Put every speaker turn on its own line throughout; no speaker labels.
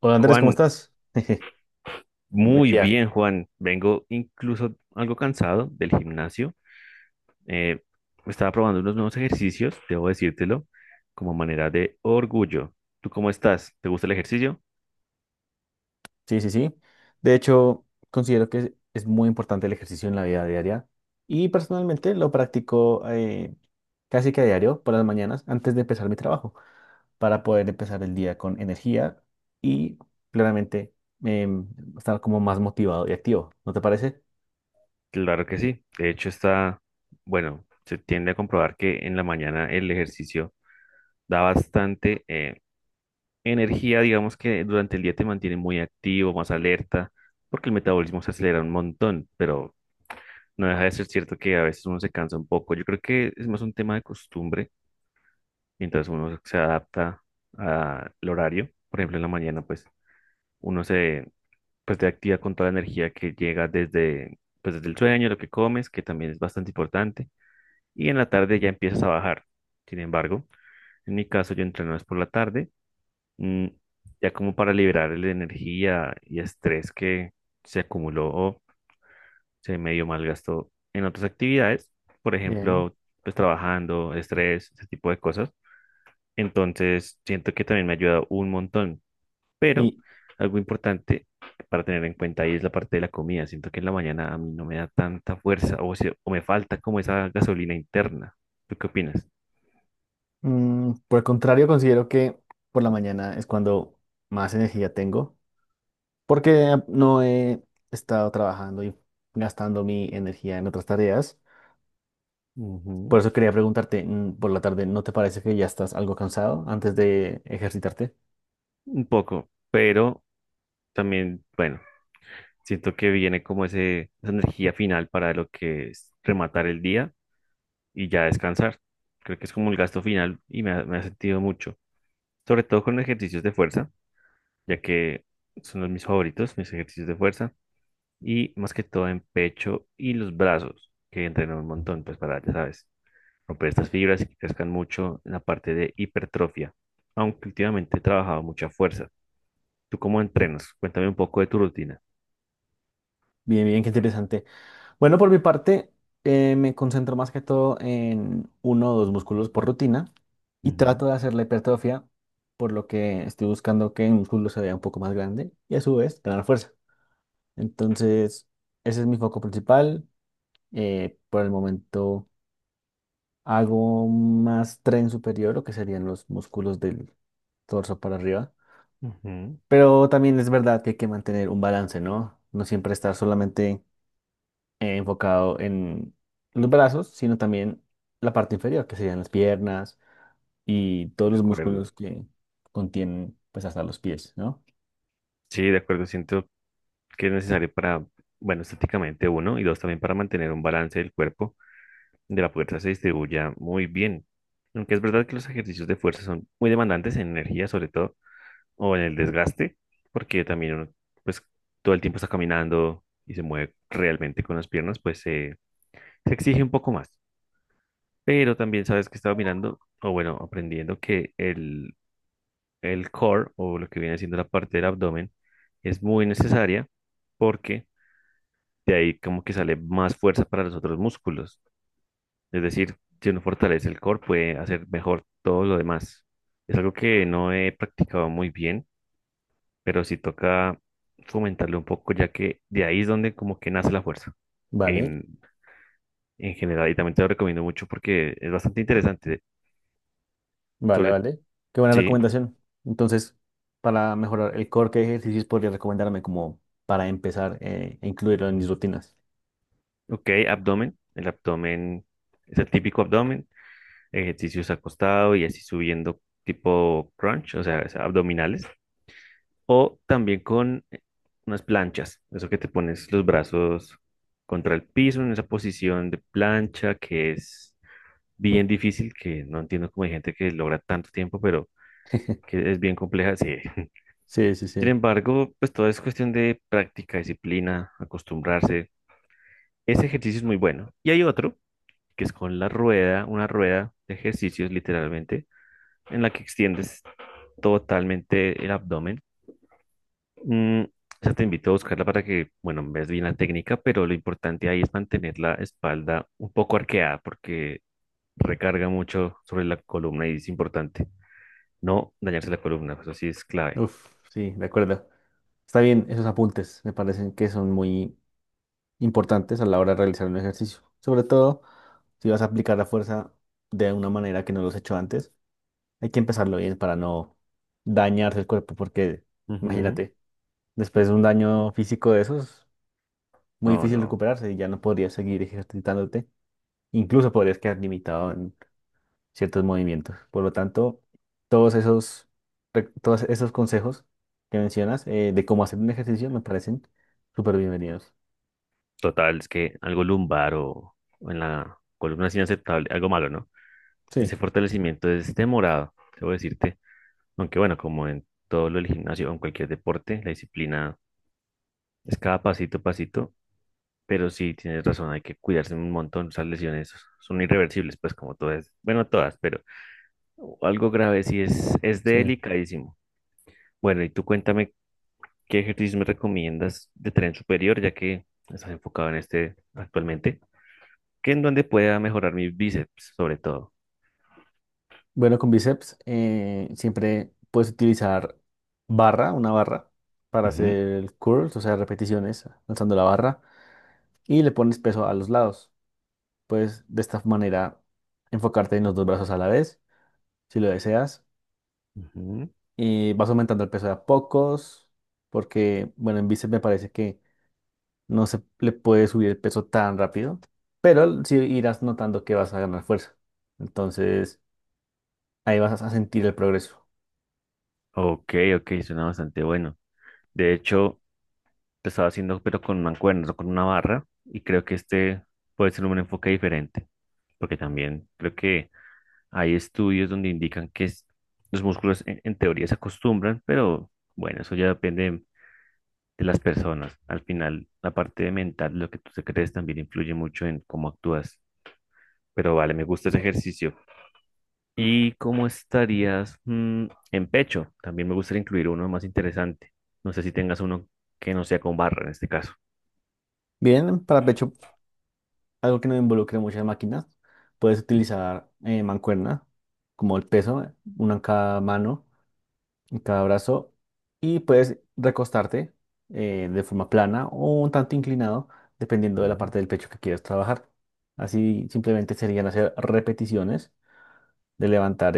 Hola Andrés, ¿cómo
Juan,
estás? Buen
muy
día.
bien, Juan. Vengo incluso algo cansado del gimnasio. Eh, Estaba probando unos nuevos ejercicios, debo decírtelo, como manera de orgullo. ¿Tú cómo estás? ¿Te gusta el ejercicio?
Sí, sí, sí. De hecho, considero que es muy importante el ejercicio en la vida diaria y personalmente lo practico casi que a diario por las mañanas antes de empezar mi trabajo para poder empezar el día con energía y claramente em, estar como más motivado y activo. ¿No te parece?
Claro que sí. De hecho, está, bueno, se tiende a comprobar que en la mañana el ejercicio da bastante energía, digamos que durante el día te mantiene muy activo, más alerta, porque el metabolismo se acelera un montón, pero no deja de ser cierto que a veces uno se cansa un poco. Yo creo que es más un tema de costumbre, mientras uno se adapta al horario. Por ejemplo, en la mañana, pues uno se pues, te activa con toda la energía que llega desde, pues, desde el sueño, lo que comes, que también es bastante importante. Y en la tarde ya empiezas a bajar. Sin embargo, en mi caso, yo entreno es por la tarde, mm, ya como para liberar la energía y estrés que se acumuló, se medio malgastó en otras actividades, por
Bien.
ejemplo, pues trabajando, estrés, ese tipo de cosas. Entonces, siento que también me ha ayudado un montón, pero
Y
algo importante para tener en cuenta ahí es la parte de la comida. Siento que en la mañana a mí no me da tanta fuerza o, se- o me falta como esa gasolina interna. ¿Tú qué opinas?
por el contrario, considero que por la mañana es cuando más energía tengo porque no he estado trabajando y gastando mi energía en otras tareas.
Ujú.
Por eso quería preguntarte por la tarde, ¿no te parece que ya estás algo cansado antes de ejercitarte?
Un poco, pero también, bueno, siento que viene como ese, esa energía final para lo que es rematar el día y ya descansar. Creo que es como el gasto final y me ha sentido mucho, sobre todo con ejercicios de fuerza, ya que son los mis favoritos, mis ejercicios de fuerza, y más que todo en pecho y los brazos, que entreno un montón, pues para, ya sabes, romper estas fibras y que crezcan mucho en la parte de hipertrofia, aunque últimamente he trabajado mucha fuerza. ¿Tú cómo entrenas? Cuéntame un poco de tu rutina.
Bien, bien, qué interesante. Bueno, por mi parte, me concentro más que todo en uno o dos músculos por rutina y
Ujú,
trato de hacer la hipertrofia, por lo que estoy buscando que el músculo se vea un poco más grande y a su vez ganar fuerza. Entonces, ese es mi foco principal, por el momento. Hago más tren superior, lo que serían los músculos del torso para arriba.
ujú,
Pero también es verdad que hay que mantener un balance, ¿no? No siempre estar solamente enfocado en los brazos, sino también la parte inferior, que serían las piernas y todos
de
los
acuerdo.
músculos que contienen, pues, hasta los pies, ¿no?
Sí, de acuerdo, siento que es necesario para, bueno, estéticamente uno, y dos, también para mantener un balance del cuerpo, de la fuerza se distribuya muy bien. Aunque es verdad que los ejercicios de fuerza son muy demandantes en energía, sobre todo, o en el desgaste, porque también uno, pues, todo el tiempo está caminando y se mueve realmente con las piernas, pues se exige un poco más. Pero también sabes que estaba mirando, o bueno, aprendiendo que el core, o lo que viene siendo la parte del abdomen, es muy necesaria porque de ahí como que sale más fuerza para los otros músculos. Es decir, si uno fortalece el core, puede hacer mejor todo lo demás. Es algo que no he practicado muy bien, pero sí toca fomentarlo un poco, ya que de ahí es donde como que nace la fuerza
Vale,
en, en general. Y también te lo recomiendo mucho porque es bastante interesante.
vale,
Sobre,
vale. Qué buena
sí,
recomendación. Entonces, para mejorar el core, ¿qué ejercicios podría recomendarme como para empezar a incluirlo en mis rutinas?
ok, abdomen. El abdomen es el típico abdomen, ejercicios acostado y así subiendo tipo crunch, o sea, abdominales. O también con unas planchas, eso que te pones los brazos contra el piso en esa posición de plancha que es bien difícil, que no entiendo cómo hay gente que logra tanto tiempo, pero que es bien compleja, sí.
Sí, sí,
Sin
sí.
embargo, pues todo es cuestión de práctica, disciplina, acostumbrarse. Ese ejercicio es muy bueno. Y hay otro que es con la rueda, una rueda de ejercicios literalmente, en la que extiendes totalmente el abdomen. O sea, te invito a buscarla para que, bueno, ves bien la técnica, pero lo importante ahí es mantener la espalda un poco arqueada porque recarga mucho sobre la columna y es importante no dañarse la columna, eso sí es clave.
Uf, sí, de acuerdo. Está bien, esos apuntes me parecen que son muy importantes a la hora de realizar un ejercicio. Sobre todo si vas a aplicar la fuerza de una manera que no los he hecho antes, hay que empezarlo bien para no dañarse el cuerpo, porque
Ujú.
imagínate, después de un daño físico de esos, muy
No,
difícil
no.
recuperarse y ya no podrías seguir ejercitándote. Incluso podrías quedar limitado ciertos movimientos. Por lo tanto, todos esos, todos esos consejos que mencionas de cómo hacer un ejercicio me parecen súper bienvenidos.
Total, es que algo lumbar o en la columna es inaceptable, algo malo, ¿no?
Sí,
Ese fortalecimiento es demorado, debo decirte. Aunque bueno, como en todo lo del gimnasio o en cualquier deporte, la disciplina es cada pasito a pasito. Pero sí, tienes razón, hay que cuidarse un montón. Esas lesiones son irreversibles, pues como todas, bueno, todas, pero algo grave sí es
sí.
delicadísimo. Bueno, y tú cuéntame qué ejercicios me recomiendas de tren superior, ya que estás enfocado en este actualmente, que en donde pueda mejorar mis bíceps, sobre todo.
Bueno, con bíceps siempre puedes utilizar barra, una barra, para
Ujú,
hacer curls, o sea, repeticiones lanzando la barra y le pones peso a los lados. Puedes de esta manera enfocarte en los dos brazos a la vez, si lo deseas,
ujú.
y vas aumentando el peso de a pocos, porque, bueno, en bíceps me parece que no se le puede subir el peso tan rápido, pero sí irás notando que vas a ganar fuerza. Entonces, ahí vas a sentir el progreso.
Ok, ok, suena bastante bueno. De hecho, lo estaba haciendo, pero con mancuernas o con una barra, y creo que este puede ser un enfoque diferente, porque también creo que hay estudios donde indican que es- los músculos en teoría se acostumbran, pero bueno, eso ya depende de las personas. Al final, la parte mental, lo que tú te crees, también influye mucho en cómo actúas. Pero vale, me gusta ese ejercicio. ¿Y cómo estarías en pecho? También me gustaría incluir uno más interesante. No sé si tengas uno que no sea con barra en este caso.
Bien, para pecho, algo que no involucre muchas máquinas, puedes utilizar mancuerna, como el peso, una en cada mano, en cada brazo, y puedes recostarte de forma plana o un tanto inclinado, dependiendo de la
Mm.
parte del pecho que quieras trabajar. Así simplemente serían hacer repeticiones de levantar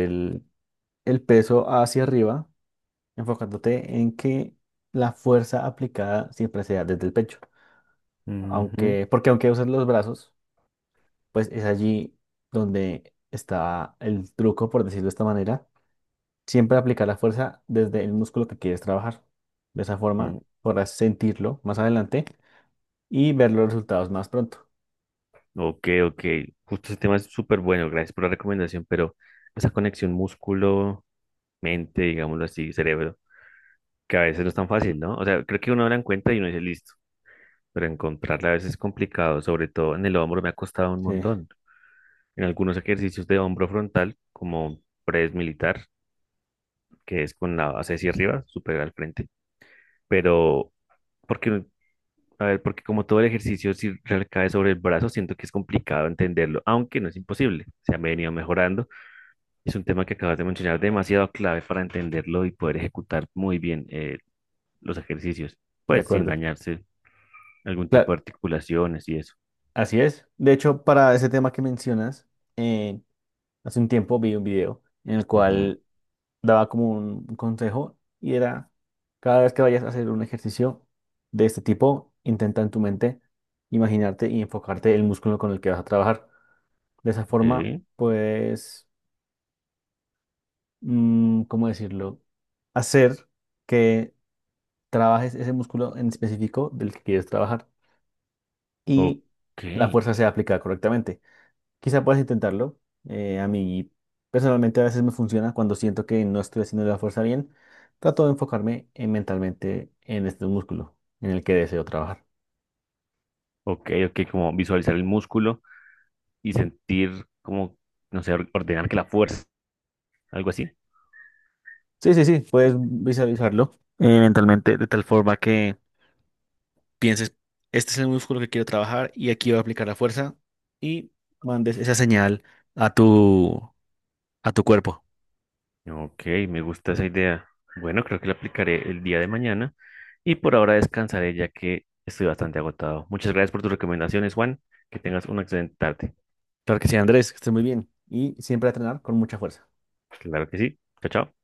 el peso hacia arriba, enfocándote en que la fuerza aplicada siempre sea desde el pecho.
Ujú,
Aunque, porque aunque uses los brazos, pues es allí donde está el truco, por decirlo de esta manera. Siempre aplicar la fuerza desde el músculo que quieres trabajar. De esa forma
ujú.
podrás sentirlo más adelante y ver los resultados más pronto.
Ok, ok. Justo ese tema es súper bueno. Gracias por la recomendación, pero esa conexión músculo-mente, digámoslo así, cerebro, que a veces no es tan fácil, ¿no? O sea, creo que uno la encuentra y uno dice listo, pero encontrarla a veces es complicado, sobre todo en el hombro me ha costado un
Sí,
montón. En algunos ejercicios de hombro frontal, como press militar, que es con la base hacia arriba, súper al frente, pero porque a ver, porque como todo el ejercicio, si recae sobre el brazo, siento que es complicado entenderlo, aunque no es imposible. Se ha venido mejorando. Es un tema que acabas de mencionar demasiado clave para entenderlo y poder ejecutar muy bien los ejercicios,
de
pues sin
acuerdo.
dañarse algún tipo de
Claro,
articulaciones y eso.
así es. De hecho, para ese tema que mencionas, eh, hace un tiempo vi un video en el
Ujú.
cual daba como un consejo y era, cada vez que vayas a hacer un ejercicio de este tipo, intenta en tu mente imaginarte y enfocarte el músculo con el que vas a trabajar. De esa
Ok,
forma, pues, ¿cómo decirlo? Hacer que trabajes ese músculo en específico del que quieres trabajar y
ok,
la fuerza sea aplicada correctamente. Quizá puedas intentarlo. A mí personalmente a veces me funciona cuando siento que no estoy haciendo la fuerza bien. Trato de enfocarme en mentalmente en este músculo en el que deseo trabajar.
ok, como visualizar el músculo y sentir como, no sé, or- ordenar que la fuerza, algo así.
Sí, sí, sí, puedes visualizarlo mentalmente de tal forma que pienses, este es el músculo que quiero trabajar y aquí voy a aplicar la fuerza y mandes esa señal a tu, a tu cuerpo.
Ok, me gusta esa idea. Bueno, creo que la aplicaré el día de mañana y por ahora descansaré ya que estoy bastante agotado. Muchas gracias por tus recomendaciones, Juan. Que tengas una excelente tarde.
Claro que sí, Andrés, que estés muy bien y siempre a entrenar con mucha fuerza.
Claro que sí. Chao, chao.